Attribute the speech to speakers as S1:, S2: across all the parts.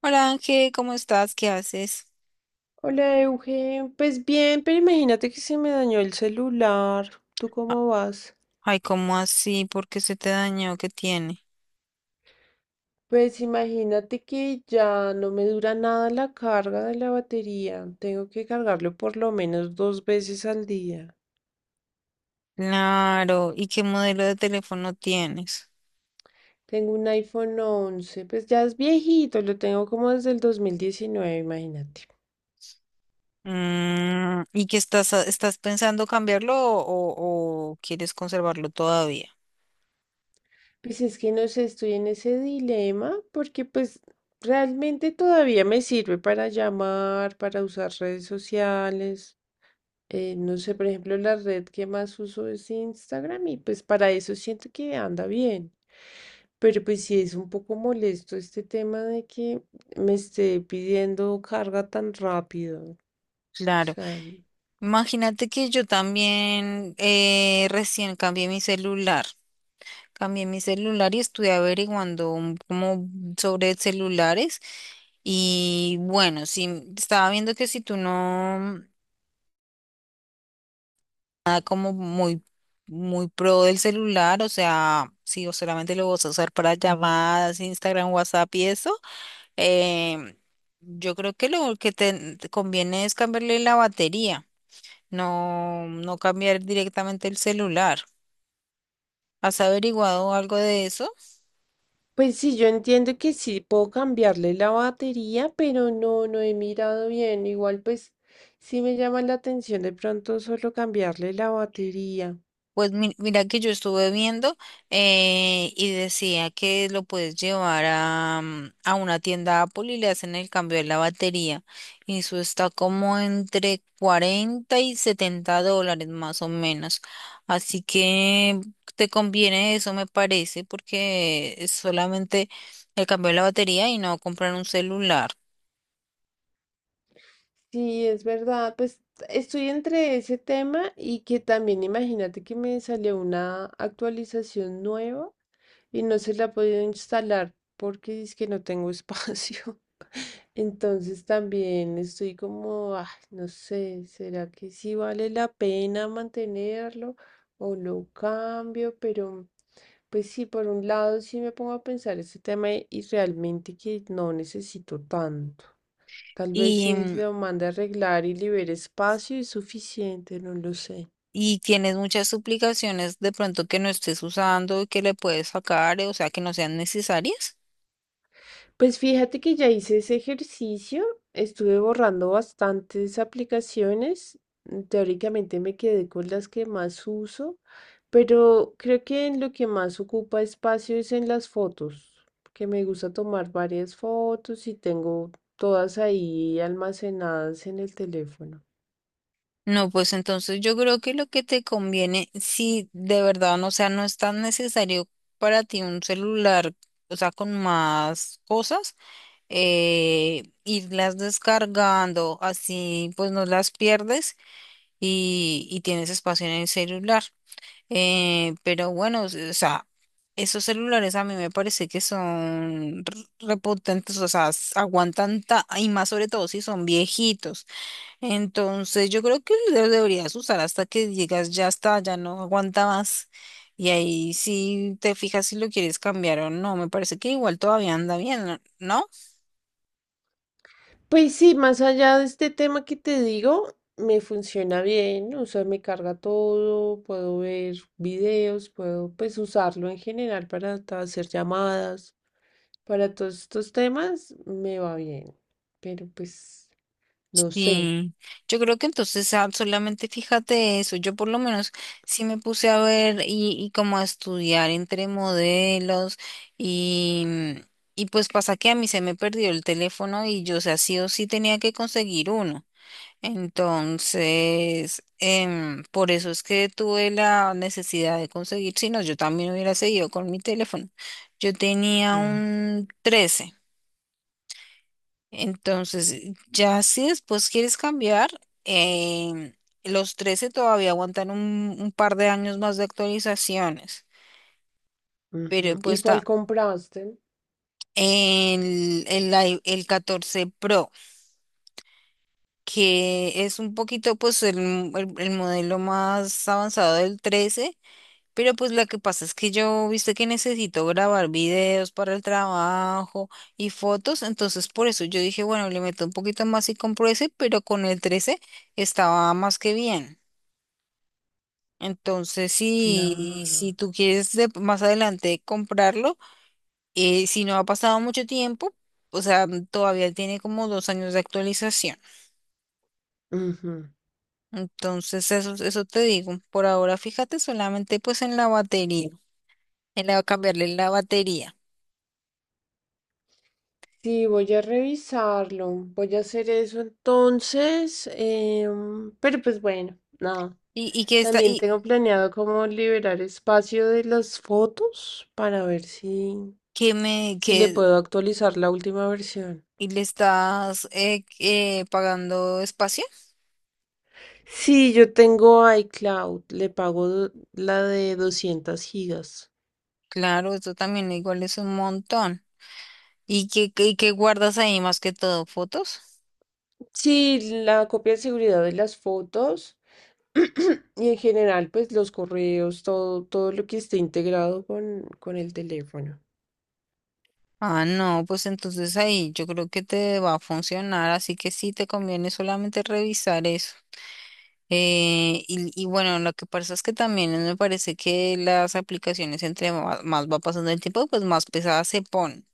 S1: Hola Ángel, ¿cómo estás? ¿Qué haces?
S2: Hola, Eugen. Pues bien, pero imagínate que se me dañó el celular. ¿Tú
S1: A-
S2: cómo vas?
S1: Ay, ¿cómo así? ¿Por qué se te dañó? ¿Qué tiene?
S2: Pues imagínate que ya no me dura nada la carga de la batería. Tengo que cargarlo por lo menos 2 veces al día.
S1: Claro, ¿y qué modelo de teléfono tienes?
S2: Tengo un iPhone 11, pues ya es viejito, lo tengo como desde el 2019, imagínate.
S1: Mm, ¿y qué estás, estás pensando cambiarlo o quieres conservarlo todavía?
S2: Pues es que no sé, estoy en ese dilema porque pues realmente todavía me sirve para llamar, para usar redes sociales. No sé, por ejemplo, la red que más uso es Instagram y pues para eso siento que anda bien. Pero pues sí es un poco molesto este tema de que me esté pidiendo carga tan rápido. O
S1: Claro,
S2: sea,
S1: imagínate que yo también recién cambié mi celular. Cambié mi celular y estuve averiguando como sobre celulares. Y bueno, si estaba viendo que si tú no. Nada como muy pro del celular, o sea, si o solamente lo vas a usar para llamadas, Instagram, WhatsApp y eso, em, yo creo que lo que te conviene es cambiarle la batería, no cambiar directamente el celular. ¿Has averiguado algo de eso?
S2: pues sí, yo entiendo que sí puedo cambiarle la batería, pero no, no he mirado bien. Igual pues sí me llama la atención de pronto solo cambiarle la batería.
S1: Pues mira que yo estuve viendo y decía que lo puedes llevar a, a una tienda Apple y le hacen el cambio de la batería. Y eso está como entre 40 y 70 dólares más o menos. Así que te conviene eso, me parece, porque es solamente el cambio de la batería y no comprar un celular.
S2: Sí, es verdad. Pues estoy entre ese tema y que también imagínate que me salió una actualización nueva y no se la he podido instalar porque es que no tengo espacio. Entonces también estoy como, ah, no sé, ¿será que sí vale la pena mantenerlo o lo cambio? Pero pues sí, por un lado sí me pongo a pensar ese tema y realmente que no necesito tanto. Tal vez si lo mande a arreglar y libere espacio es suficiente, no lo sé.
S1: Y tienes muchas suplicaciones de pronto que no estés usando y que le puedes sacar, o sea, que no sean necesarias.
S2: Pues fíjate que ya hice ese ejercicio, estuve borrando bastantes aplicaciones, teóricamente me quedé con las que más uso, pero creo que en lo que más ocupa espacio es en las fotos, que me gusta tomar varias fotos y tengo todas ahí almacenadas en el teléfono.
S1: No, pues entonces yo creo que lo que te conviene, si de verdad, no, o sea, no es tan necesario para ti un celular, o sea, con más cosas, irlas descargando, así pues no las pierdes y tienes espacio en el celular. Pero bueno, o sea, esos celulares a mí me parece que son repotentes, o sea, aguantan y más sobre todo si son viejitos. Entonces yo creo que lo deberías usar hasta que digas ya está, ya no aguanta más. Y ahí sí te fijas si lo quieres cambiar o no. Me parece que igual todavía anda bien, ¿no?
S2: Pues sí, más allá de este tema que te digo, me funciona bien, o sea, me carga todo, puedo ver videos, puedo pues usarlo en general para hacer llamadas, para todos estos temas, me va bien, pero pues no sé.
S1: Sí, yo creo que entonces solamente fíjate eso, yo por lo menos sí me puse a ver y como a estudiar entre modelos y, y pues pasa que a mí se me perdió el teléfono y yo, o sea, sí o sí tenía que conseguir uno. Entonces, por eso es que tuve la necesidad de conseguir, si no, yo también hubiera seguido con mi teléfono. Yo tenía
S2: Mm,
S1: un 13 entonces, ya si después quieres cambiar, em, los 13 todavía aguantan un par de años más de actualizaciones, pero
S2: ujú.
S1: pues
S2: ¿Y cuál
S1: está
S2: compraste?
S1: el 14 Pro, que es un poquito pues el modelo más avanzado del 13. Pero pues lo que pasa es que yo, viste que necesito grabar videos para el trabajo y fotos, entonces por eso yo dije, bueno, le meto un poquito más y compro ese, pero con el 13 estaba más que bien. Entonces, si, si
S2: Claro.
S1: tú quieres más adelante comprarlo, si no ha pasado mucho tiempo, o sea, todavía tiene como dos años de actualización. Entonces, eso te digo. Por ahora, fíjate solamente pues en la batería, cambiarle la batería.
S2: Sí, voy a revisarlo. Voy a hacer eso entonces. Pero pues bueno, nada.
S1: Y que está,
S2: También
S1: y,
S2: tengo planeado como liberar espacio de las fotos para ver si,
S1: que me
S2: si le
S1: que
S2: puedo actualizar la última versión.
S1: Y le estás pagando espacio.
S2: Sí, yo tengo iCloud. Le pago la de 200 gigas.
S1: Claro, eso también igual es un montón. ¿Y qué guardas ahí más que todo? ¿Fotos?
S2: Sí, la copia de seguridad de las fotos. Y en general, pues los correos, todo, todo lo que esté integrado con el teléfono.
S1: Ah, no, pues entonces ahí yo creo que te va a funcionar, así que sí te conviene solamente revisar eso. Y bueno, lo que pasa es que también me parece que las aplicaciones entre más va pasando el tiempo, pues más pesadas se ponen.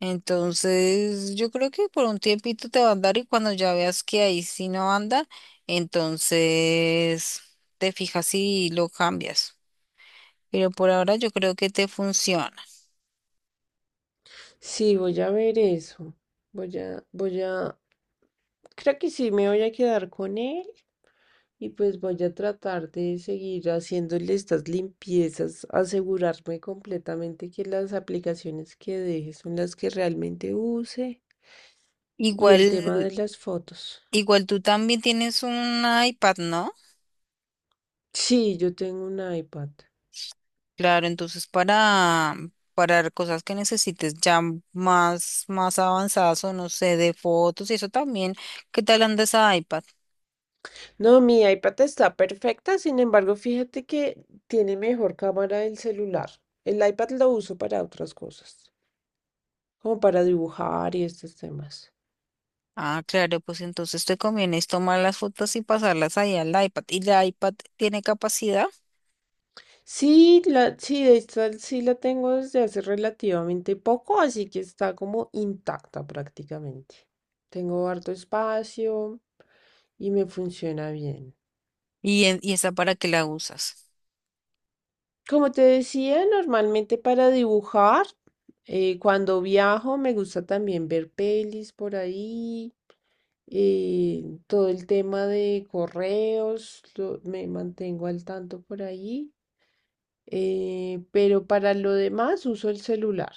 S1: Entonces, yo creo que por un tiempito te va a andar y cuando ya veas que ahí sí no anda, entonces te fijas y lo cambias. Pero por ahora yo creo que te funciona.
S2: Sí, voy a ver eso. Voy a, creo que sí me voy a quedar con él y pues voy a tratar de seguir haciéndole estas limpiezas, asegurarme completamente que las aplicaciones que deje son las que realmente use y
S1: Igual,
S2: el tema de las fotos.
S1: igual tú también tienes un iPad, ¿no?
S2: Sí, yo tengo un iPad.
S1: Claro, entonces para cosas que necesites ya más avanzadas o no sé, de fotos y eso también, ¿qué tal anda ese iPad?
S2: No, mi iPad está perfecta, sin embargo, fíjate que tiene mejor cámara el celular. El iPad lo uso para otras cosas, como para dibujar y estos temas.
S1: Ah, claro, pues entonces te conviene es tomar las fotos y pasarlas ahí al iPad. ¿Y el iPad tiene capacidad?
S2: Sí, la, sí, de hecho, sí la tengo desde hace relativamente poco, así que está como intacta prácticamente. Tengo harto espacio y me funciona bien.
S1: ¿Y, y esa para qué la usas?
S2: Como te decía, normalmente para dibujar, cuando viajo me gusta también ver pelis por ahí, todo el tema de correos, me mantengo al tanto por ahí, pero para lo demás uso el celular.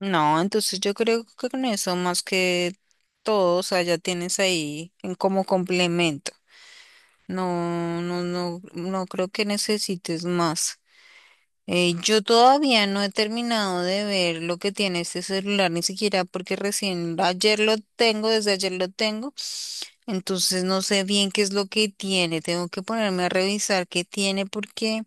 S1: No, entonces yo creo que con eso más que todo, o sea, ya tienes ahí en como complemento. No creo que necesites más. Yo todavía no he terminado de ver lo que tiene este celular, ni siquiera porque recién ayer lo tengo, desde ayer lo tengo. Entonces no sé bien qué es lo que tiene, tengo que ponerme a revisar qué tiene porque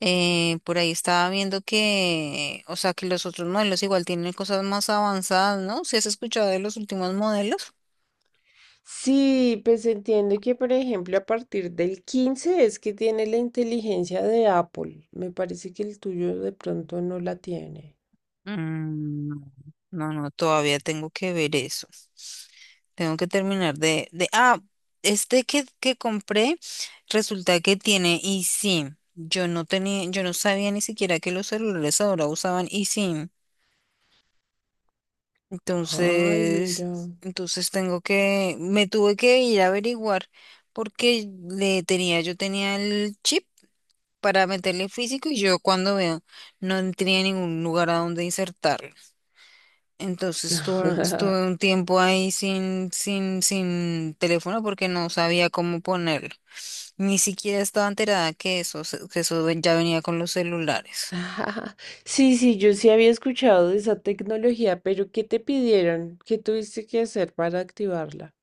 S1: por ahí estaba viendo que, o sea, que los otros modelos igual tienen cosas más avanzadas, ¿no? ¿Si has escuchado de los últimos modelos?
S2: Sí, pues entiendo que, por ejemplo, a partir del 15 es que tiene la inteligencia de Apple. Me parece que el tuyo de pronto no la tiene.
S1: Mm, no, todavía tengo que ver eso. Tengo que terminar este que compré resulta que tiene eSIM. Yo no tenía, yo no sabía ni siquiera que los celulares ahora usaban eSIM.
S2: Ay, mira.
S1: Entonces, entonces tengo que, me tuve que ir a averiguar porque le tenía, yo tenía el chip para meterle físico y yo cuando veo no tenía ningún lugar a donde insertarlo. Entonces estuve un tiempo ahí sin teléfono porque no sabía cómo ponerlo. Ni siquiera estaba enterada que que ya venía con los celulares.
S2: Sí, sí, yo sí había escuchado de esa tecnología, pero ¿qué te pidieron? ¿Qué tuviste que hacer para activarla?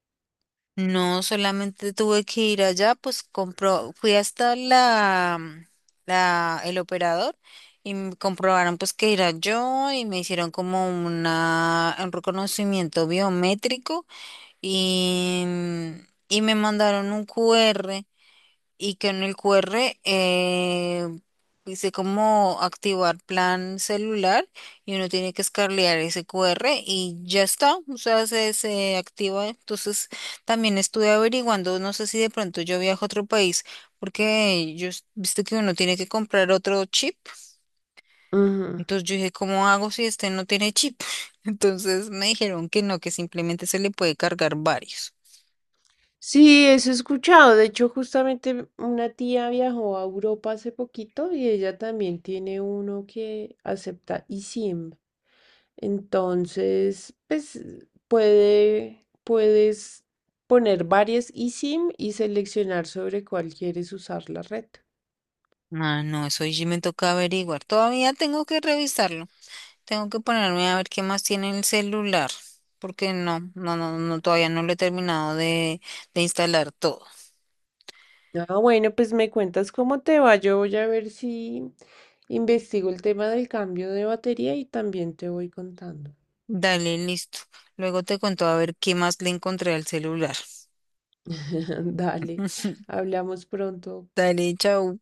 S1: No, solamente tuve que ir allá, pues compró, fui hasta el operador y me comprobaron pues que era yo y me hicieron como una, un reconocimiento biométrico y me mandaron un QR y que en el QR eh, dice cómo activar plan celular y uno tiene que escarlear ese QR y ya está, o sea, se activa. Entonces, también estuve averiguando, no sé si de pronto yo viajo a otro país, porque yo, viste que uno tiene que comprar otro chip,
S2: Ujú.
S1: entonces yo dije, ¿cómo hago si este no tiene chip? Entonces me dijeron que no, que simplemente se le puede cargar varios.
S2: Sí, eso he escuchado. De hecho, justamente una tía viajó a Europa hace poquito y ella también tiene uno que acepta eSIM. Entonces, pues puedes poner varias eSIM y seleccionar sobre cuál quieres usar la red.
S1: Ah, no, eso ya me toca averiguar. Todavía tengo que revisarlo. Tengo que ponerme a ver qué más tiene el celular, porque no, todavía no lo he terminado de instalar todo.
S2: Ah, bueno, pues me cuentas cómo te va. Yo voy a ver si investigo el tema del cambio de batería y también te voy contando.
S1: Dale, listo. Luego te cuento a ver qué más le encontré al celular.
S2: Dale, hablamos pronto.
S1: Dale, chao.